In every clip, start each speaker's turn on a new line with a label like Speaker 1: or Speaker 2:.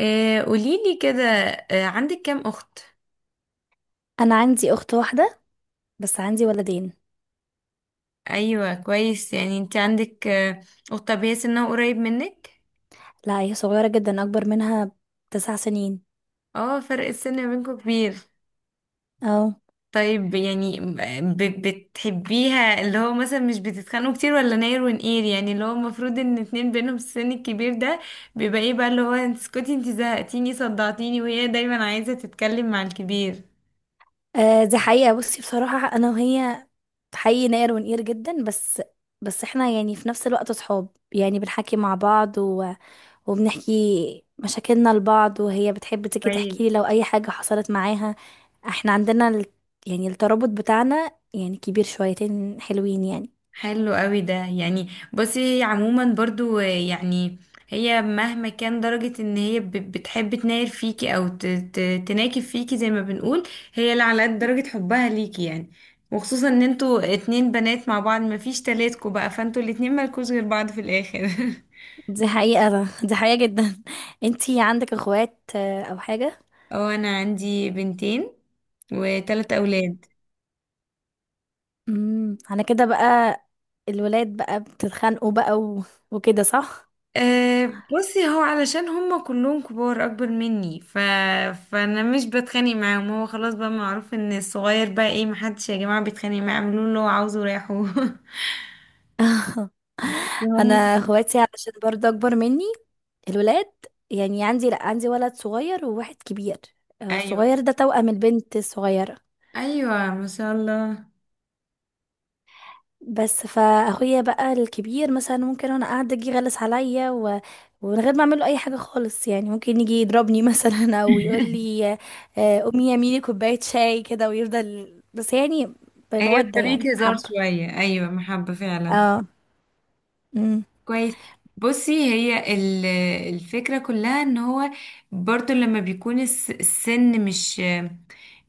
Speaker 1: آه قوليلي كده. آه، عندك كام أخت؟
Speaker 2: انا عندي اخت واحده، بس عندي ولدين.
Speaker 1: أيوة كويس، يعني انت عندك أخت. طب هي سنها قريب منك؟
Speaker 2: لا، هي صغيره جدا، اكبر منها 9 سنين.
Speaker 1: اه، فرق السن ما بينكم كبير.
Speaker 2: اه.
Speaker 1: طيب يعني ب بتحبيها، اللي هو مثلا مش بتتخانقوا كتير ولا ناير ونقير، يعني اللي هو المفروض ان اتنين بينهم السن الكبير ده بيبقى ايه بقى، اللي هو انت اسكتي انت زهقتيني صدعتيني، وهي دايما عايزة تتكلم مع الكبير.
Speaker 2: دي حقيقه. بصي، بصراحه انا وهي حقيقي نقر ونقير جدا، بس احنا يعني في نفس الوقت صحاب، يعني بنحكي مع بعض و... وبنحكي مشاكلنا لبعض، وهي بتحب تيجي
Speaker 1: كويس.
Speaker 2: تحكي لي لو اي حاجه حصلت معاها. احنا عندنا يعني الترابط بتاعنا يعني كبير شويتين حلوين يعني.
Speaker 1: حلو قوي ده. يعني بصي، هي عموما برضو، يعني هي مهما كان درجة ان هي بتحب تناير فيكي او تناكب فيكي زي ما بنقول، هي اللي على قد درجة حبها ليكي يعني. وخصوصا ان انتوا اتنين بنات مع بعض، مفيش تلاتكوا بقى، فانتوا الاتنين مالكوش غير بعض في الاخر.
Speaker 2: دي حقيقه، دي حقيقه جدا. انتي عندك اخوات او حاجه؟
Speaker 1: اه، انا عندي بنتين وتلات
Speaker 2: اوكي.
Speaker 1: اولاد.
Speaker 2: على كده بقى، الولاد بقى بتتخانقوا بقى و... وكده، صح؟
Speaker 1: أه، بصي هو علشان هم كلهم كبار اكبر مني، فانا مش بتخانق معاهم. هو خلاص بقى معروف ان الصغير بقى ايه، محدش يا جماعة بيتخانق معاه، اعملوا له اللي هو عاوزه وريحوه.
Speaker 2: انا
Speaker 1: هم.
Speaker 2: اخواتي علشان برضه اكبر مني، الولاد. يعني عندي، لا، عندي ولد صغير وواحد كبير.
Speaker 1: ايوه،
Speaker 2: الصغير ده توأم البنت الصغيرة.
Speaker 1: ايوه ما شاء الله.
Speaker 2: بس فاخويا بقى الكبير مثلا ممكن وانا قاعده يجي يغلس عليا و... ومن غير ما اعمل له اي حاجه خالص، يعني ممكن يجي يضربني مثلا، او يقول لي آه، امي يا ميمي كوبايه شاي كده، ويفضل بس يعني
Speaker 1: هي
Speaker 2: بمودة يعني
Speaker 1: بطريقة هزار
Speaker 2: محبة.
Speaker 1: شوية، أيوة محبة فعلا.
Speaker 2: اه. امم
Speaker 1: كويس. بصي هي الفكرة كلها ان هو برضو لما بيكون السن مش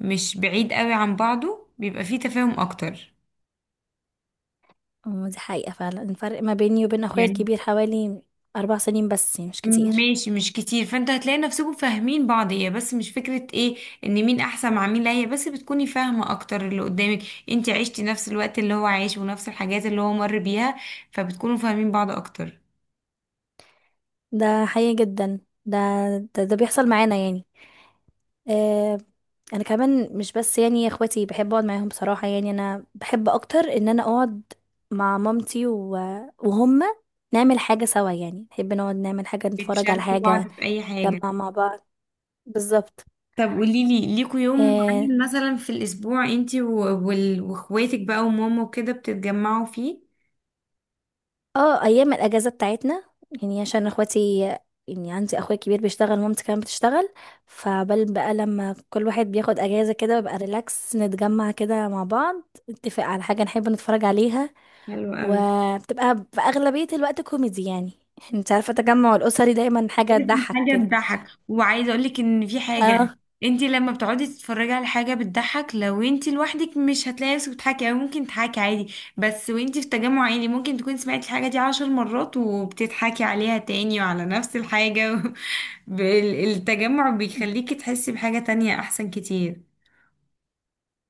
Speaker 1: مش بعيد قوي عن بعضه بيبقى فيه تفاهم اكتر.
Speaker 2: أمم، دي حقيقة فعلا. الفرق ما بيني وبين اخويا
Speaker 1: يعني
Speaker 2: الكبير حوالي 4 سنين، بس يعني مش كتير.
Speaker 1: ماشي، مش كتير، فانت هتلاقي نفسكم فاهمين بعض. هي بس مش فكرة ايه، ان مين احسن مع مين، لا هي بس بتكوني فاهمة اكتر اللي قدامك. انت عشتي نفس الوقت اللي هو عايش ونفس الحاجات اللي هو مر بيها، فبتكونوا فاهمين بعض اكتر.
Speaker 2: ده حقيقي جدا. ده ده بيحصل معانا يعني. آه انا كمان مش بس يعني اخواتي، بحب اقعد معاهم بصراحة. يعني انا بحب اكتر ان انا اقعد مع مامتي و... وهم، نعمل حاجة سوا، يعني نحب نقعد نعمل حاجة، نتفرج على
Speaker 1: بتشاركوا
Speaker 2: حاجة،
Speaker 1: بعض في اي حاجة.
Speaker 2: نجمع مع بعض. بالظبط.
Speaker 1: طب قوليلي، ليكوا يوم
Speaker 2: آه،
Speaker 1: معين مثلا في الاسبوع انت واخواتك بقى وماما وكده بتتجمعوا فيه؟
Speaker 2: اه ايام الاجازه بتاعتنا، يعني عشان اخواتي يعني عندي اخويا كبير بيشتغل، ومامتي كمان بتشتغل، فبل بقى لما كل واحد بياخد اجازه كده ببقى ريلاكس، نتجمع كده مع بعض، نتفق على حاجه نحب نتفرج عليها.
Speaker 1: حلو قوي.
Speaker 2: وبتبقى في اغلبيه الوقت كوميدي يعني انت عارفه التجمع الاسري دايما حاجه
Speaker 1: لازم
Speaker 2: تضحك
Speaker 1: حاجة
Speaker 2: كده.
Speaker 1: تضحك. وعايزة اقولك ان في حاجة،
Speaker 2: اه،
Speaker 1: انت لما بتقعدي تتفرجي على حاجة بتضحك لو انت لوحدك مش هتلاقي نفسك بتضحكي، او ممكن تضحكي عادي بس، وانت في تجمع عائلي ممكن تكوني سمعتي الحاجة دي عشر مرات وبتضحكي عليها تاني وعلى نفس الحاجة. و... التجمع بيخليكي تحسي بحاجة تانية احسن كتير.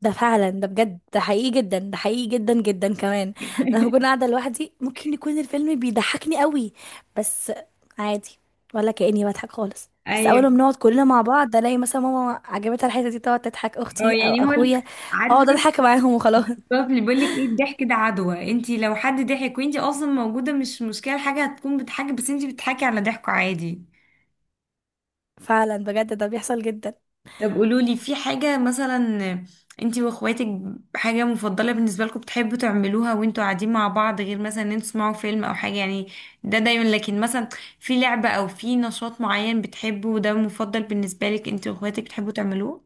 Speaker 2: ده فعلا، ده بجد، ده حقيقي جدا، ده حقيقي جدا جدا كمان. انا لو كنت قاعده لوحدي ممكن يكون الفيلم بيضحكني قوي، بس عادي، ولا كاني بضحك خالص. بس اول
Speaker 1: ايوه.
Speaker 2: ما بنقعد كلنا مع بعض الاقي مثلا ماما عجبتها الحته دي، تقعد تضحك
Speaker 1: اه
Speaker 2: اختي او
Speaker 1: يعني هو
Speaker 2: اخويا،
Speaker 1: عارفه
Speaker 2: اقعد
Speaker 1: الأستاذ
Speaker 2: اضحك معاهم وخلاص.
Speaker 1: اللي بيقول لك ايه، الضحك ده عدوى، انت لو حد ضحك وانت اصلا موجوده مش مشكله الحاجه هتكون بتضحكي، بس انت بتضحكي على ضحكه عادي.
Speaker 2: فعلا بجد، ده بيحصل جدا.
Speaker 1: طب قولولي، في حاجة مثلا انتي واخواتك، حاجة مفضلة بالنسبة لكم بتحبوا تعملوها وانتوا قاعدين مع بعض، غير مثلا ان انتوا تسمعوا فيلم او حاجة يعني، ده دايما، لكن مثلا في لعبة او في نشاط معين بتحبه وده مفضل بالنسبة لك انتي واخواتك بتحبوا تعملوه.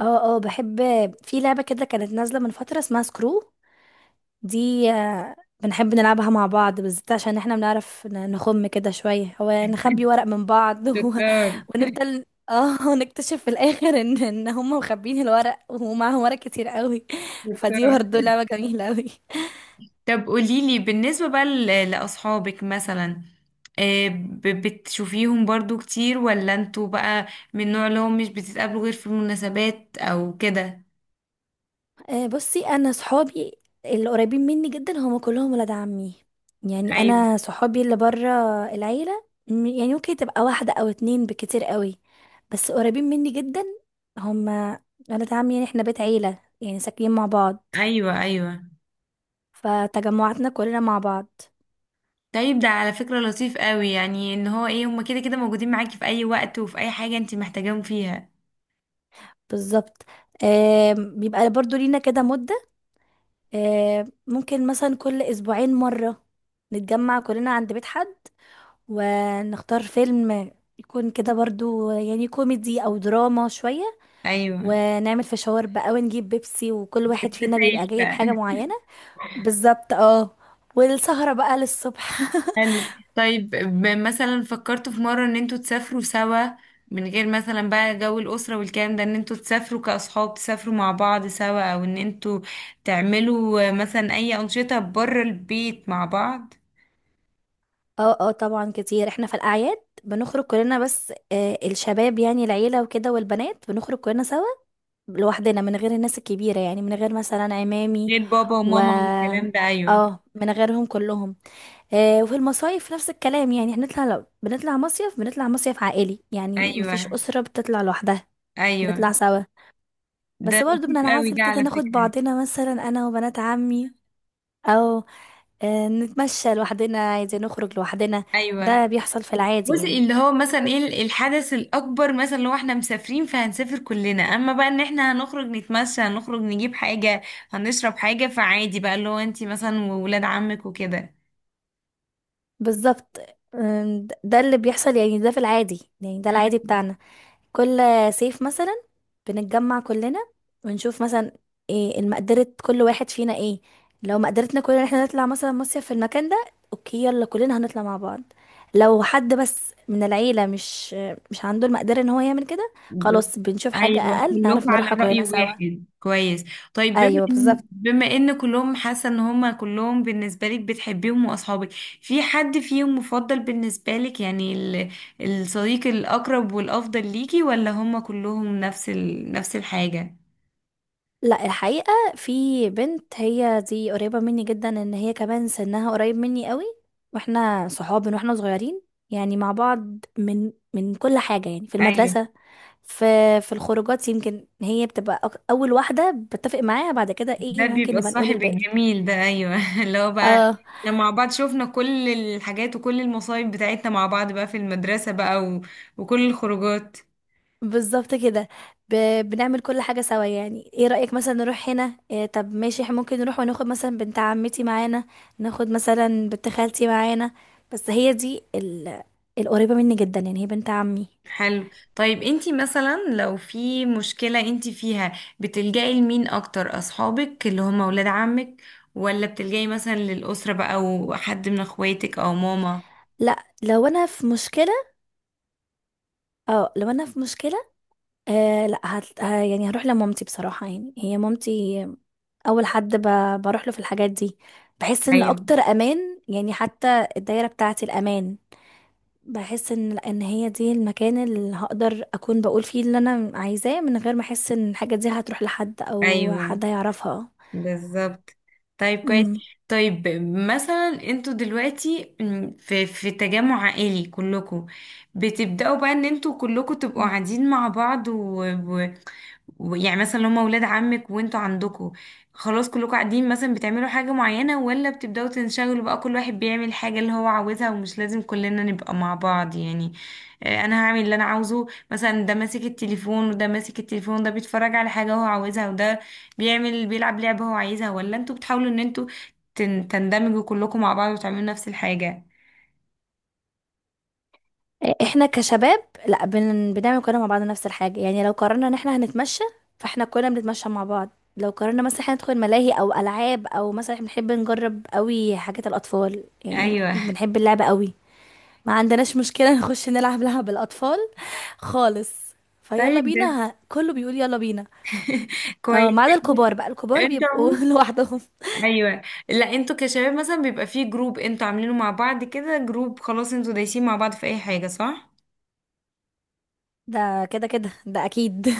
Speaker 2: اه، اه، بحب. في لعبه كده كانت نازله من فتره اسمها سكرو، دي بنحب نلعبها مع بعض بالذات، عشان احنا بنعرف نخم كده شوية، هو نخبي ورق من بعض و...
Speaker 1: شطار.
Speaker 2: ونفضل، اه، نكتشف في الاخر ان هم مخبين الورق ومعاهم ورق كتير قوي. فدي
Speaker 1: شطار.
Speaker 2: برضه لعبة جميلة قوي.
Speaker 1: طب قوليلي بالنسبة بقى لأصحابك مثلا، آه، بتشوفيهم برضو كتير، ولا انتوا بقى من النوع اللي هم مش بتتقابلوا غير في المناسبات او كده؟
Speaker 2: بصي، انا صحابي اللي قريبين مني جدا هم كلهم ولاد عمي. يعني
Speaker 1: ايوه.
Speaker 2: انا صحابي اللي بره العيله يعني ممكن تبقى واحده او اتنين بكتير قوي، بس قريبين مني جدا، هم ولاد عمي. يعني احنا بيت عيله، يعني ساكنين مع بعض،
Speaker 1: ايوه. ايوه.
Speaker 2: فتجمعاتنا كلنا مع بعض.
Speaker 1: طيب ده على فكرة لطيف قوي، يعني ان هو ايه، هما كده كده موجودين معاكي في اي وقت وفي اي حاجة انت محتاجاهم فيها.
Speaker 2: بالظبط. بيبقى برضو لينا كده مده، ممكن مثلا كل اسبوعين مره نتجمع كلنا عند بيت حد، ونختار فيلم يكون كده برضو يعني كوميدي او دراما شوية،
Speaker 1: ايوه.
Speaker 2: ونعمل فشاور بقى، ونجيب بيبسي، وكل واحد فينا
Speaker 1: التسايل
Speaker 2: بيبقى جايب
Speaker 1: بقى.
Speaker 2: حاجة معينة. بالظبط اه. والسهرة بقى للصبح.
Speaker 1: حلو. طيب مثلا فكرتوا في مرة ان انتوا تسافروا سوا، من غير مثلا بقى جو الأسرة والكلام ده، ان انتوا تسافروا كأصحاب تسافروا مع بعض سوا، او ان انتوا تعملوا مثلا اي أنشطة بره البيت مع بعض؟
Speaker 2: اه، اه، طبعا كتير، احنا في الاعياد بنخرج كلنا، بس الشباب يعني العيلة وكده، والبنات بنخرج كلنا سوا لوحدنا، من غير الناس الكبيرة، يعني من غير مثلا عمامي
Speaker 1: غير بابا
Speaker 2: و
Speaker 1: وماما والكلام ده ايوه.
Speaker 2: اه من غيرهم كلهم. وفي المصايف نفس الكلام، يعني هنطلع، لو بنطلع مصيف بنطلع مصيف عائلي، يعني مفيش
Speaker 1: ايوه.
Speaker 2: أسرة بتطلع لوحدها،
Speaker 1: ايوه.
Speaker 2: بنطلع سوا.
Speaker 1: ده
Speaker 2: بس برضه
Speaker 1: لطيف قوي
Speaker 2: بننعزل
Speaker 1: ده
Speaker 2: كده
Speaker 1: على
Speaker 2: ناخد
Speaker 1: فكرة.
Speaker 2: بعضنا، مثلا أنا وبنات عمي، أو نتمشى لوحدنا عايزين نخرج لوحدنا.
Speaker 1: ايوه.
Speaker 2: ده بيحصل في العادي
Speaker 1: بصي
Speaker 2: يعني.
Speaker 1: اللي هو مثلا ايه الحدث الاكبر مثلا لو احنا مسافرين فهنسافر كلنا، اما بقى ان احنا هنخرج نتمشى، هنخرج نجيب حاجة، هنشرب حاجة، فعادي بقى اللي هو انتي مثلا وولاد عمك وكده.
Speaker 2: بالظبط. ده اللي بيحصل يعني، ده في العادي يعني، ده العادي
Speaker 1: حاجة-
Speaker 2: بتاعنا. كل صيف مثلا بنتجمع كلنا، ونشوف مثلا ايه المقدرة كل واحد فينا، ايه لو مقدرتنا كلنا ان احنا نطلع مثلا مصيف في المكان ده، اوكي يلا كلنا هنطلع مع بعض. لو حد بس من العيلة مش عنده المقدرة ان هو يعمل كده،
Speaker 1: ب-
Speaker 2: خلاص بنشوف حاجة
Speaker 1: ايوه
Speaker 2: اقل
Speaker 1: كلكم
Speaker 2: نعرف
Speaker 1: على
Speaker 2: نروحها
Speaker 1: رأي
Speaker 2: كلنا سوا.
Speaker 1: واحد، كويس. طيب، بما
Speaker 2: ايوه
Speaker 1: ان
Speaker 2: بالظبط.
Speaker 1: بما ان كلهم حاسة ان هما كلهم بالنسبة لك بتحبيهم واصحابك، في حد فيهم مفضل بالنسبة لك، يعني الصديق الاقرب والافضل ليكي، ولا هما كلهم نفس نفس الحاجة؟
Speaker 2: لا، الحقيقة في بنت هي دي قريبة مني جدا، ان هي كمان سنها قريب مني قوي، واحنا صحاب من واحنا صغيرين، يعني مع بعض من كل حاجة، يعني في
Speaker 1: ايوه،
Speaker 2: المدرسة، في في الخروجات. يمكن هي بتبقى اول واحده بتفق معاها، بعد كده
Speaker 1: ده
Speaker 2: ايه ممكن
Speaker 1: بيبقى
Speaker 2: نبقى نقول
Speaker 1: الصاحب
Speaker 2: الباقي.
Speaker 1: الجميل ده، ايوه. اللي هو بقى
Speaker 2: اه
Speaker 1: احنا مع بعض شوفنا كل الحاجات وكل المصايب بتاعتنا مع بعض بقى في المدرسة بقى و... وكل الخروجات.
Speaker 2: بالظبط كده. ب... بنعمل كل حاجه سوا، يعني ايه رايك مثلا نروح هنا، إيه طب ماشي، احنا ممكن نروح وناخد مثلا بنت عمتي معانا، ناخد مثلا بنت خالتي معانا. بس هي دي القريبه مني جدا، يعني هي بنت عمي.
Speaker 1: حلو. طيب انتي مثلا لو في مشكلة انتي فيها، بتلجأي لمين اكتر، اصحابك اللي هم ولاد عمك، ولا بتلجأي مثلا للأسرة بقى وحد من اخواتك او ماما؟
Speaker 2: لا، لو انا في مشكله، لا، يعني هروح لمامتي بصراحه، يعني هي مامتي اول حد بروح له في الحاجات دي. بحس ان
Speaker 1: ايوه.
Speaker 2: اكتر امان يعني، حتى الدايره بتاعتي الامان، بحس ان هي دي المكان اللي هقدر اكون بقول فيه اللي انا عايزاه، من غير ما احس ان الحاجه دي هتروح لحد او
Speaker 1: ايوه.
Speaker 2: حد هيعرفها.
Speaker 1: بالظبط. طيب كويس.
Speaker 2: امم
Speaker 1: طيب مثلا انتوا دلوقتي في تجمع عائلي كلكم، بتبدأوا بقى ان انتوا كلكم تبقوا
Speaker 2: مم.
Speaker 1: قاعدين مع بعض، يعني مثلا لو هما ولاد عمك وانتوا عندكوا خلاص كلكوا قاعدين، مثلا بتعملوا حاجة معينة، ولا بتبدأوا تنشغلوا بقى كل واحد بيعمل حاجة اللي هو عاوزها ومش لازم كلنا نبقى مع بعض يعني، آه، انا هعمل اللي انا عاوزه مثلا، ده ماسك التليفون وده ماسك التليفون، ده بيتفرج على حاجة هو عاوزها وده بيعمل بيلعب لعبة هو عايزها، ولا انتوا بتحاولوا ان انتوا تندمجوا كلكوا مع بعض وتعملوا نفس الحاجة؟
Speaker 2: احنا كشباب، لا، بنعمل كلنا مع بعض نفس الحاجه، يعني لو قررنا ان احنا هنتمشى فاحنا كلنا بنتمشى مع بعض، لو قررنا مثلا احنا ندخل ملاهي او العاب، او مثلا احنا بنحب نجرب قوي حاجات الاطفال، يعني
Speaker 1: ايوه.
Speaker 2: بنحب اللعبه قوي، ما عندناش مشكلة نخش نلعب لعب الأطفال خالص، فيلا
Speaker 1: طيب ده
Speaker 2: بينا، كله بيقول يلا بينا. اه،
Speaker 1: كويس.
Speaker 2: ما عدا الكبار بقى، الكبار
Speaker 1: انت
Speaker 2: بيبقوا
Speaker 1: عموما
Speaker 2: لوحدهم.
Speaker 1: ايوه. لا انتوا كشباب مثلا بيبقى فيه جروب انتوا عاملينه مع بعض، كده جروب خلاص انتوا دايسين مع بعض في اي حاجه، صح؟
Speaker 2: ده كده كده ده أكيد.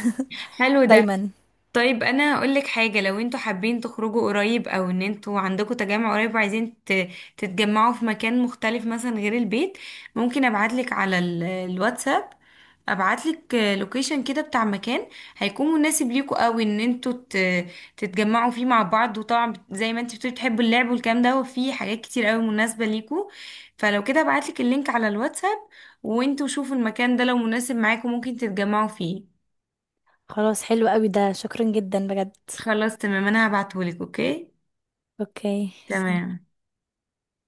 Speaker 1: حلو ده.
Speaker 2: دايما.
Speaker 1: طيب انا هقول لك حاجه، لو انتوا حابين تخرجوا قريب او ان انتوا عندكم تجمع قريب وعايزين تتجمعوا في مكان مختلف مثلا غير البيت، ممكن ابعت لك على الواتساب، ابعت لك لوكيشن كده بتاع مكان هيكون مناسب ليكوا قوي ان انتوا تتجمعوا فيه مع بعض. وطبعا زي ما انت بتقولي بتحبوا اللعب والكلام ده، وفي حاجات كتير قوي مناسبه ليكوا. فلو كده ابعت لك اللينك على الواتساب، وانتوا شوفوا المكان ده لو مناسب معاكم ممكن تتجمعوا فيه.
Speaker 2: خلاص، حلو قوي ده، شكرا جدا بجد.
Speaker 1: خلاص تمام، انا هبعتهولك، اوكي.
Speaker 2: اوكي سي.
Speaker 1: تمام.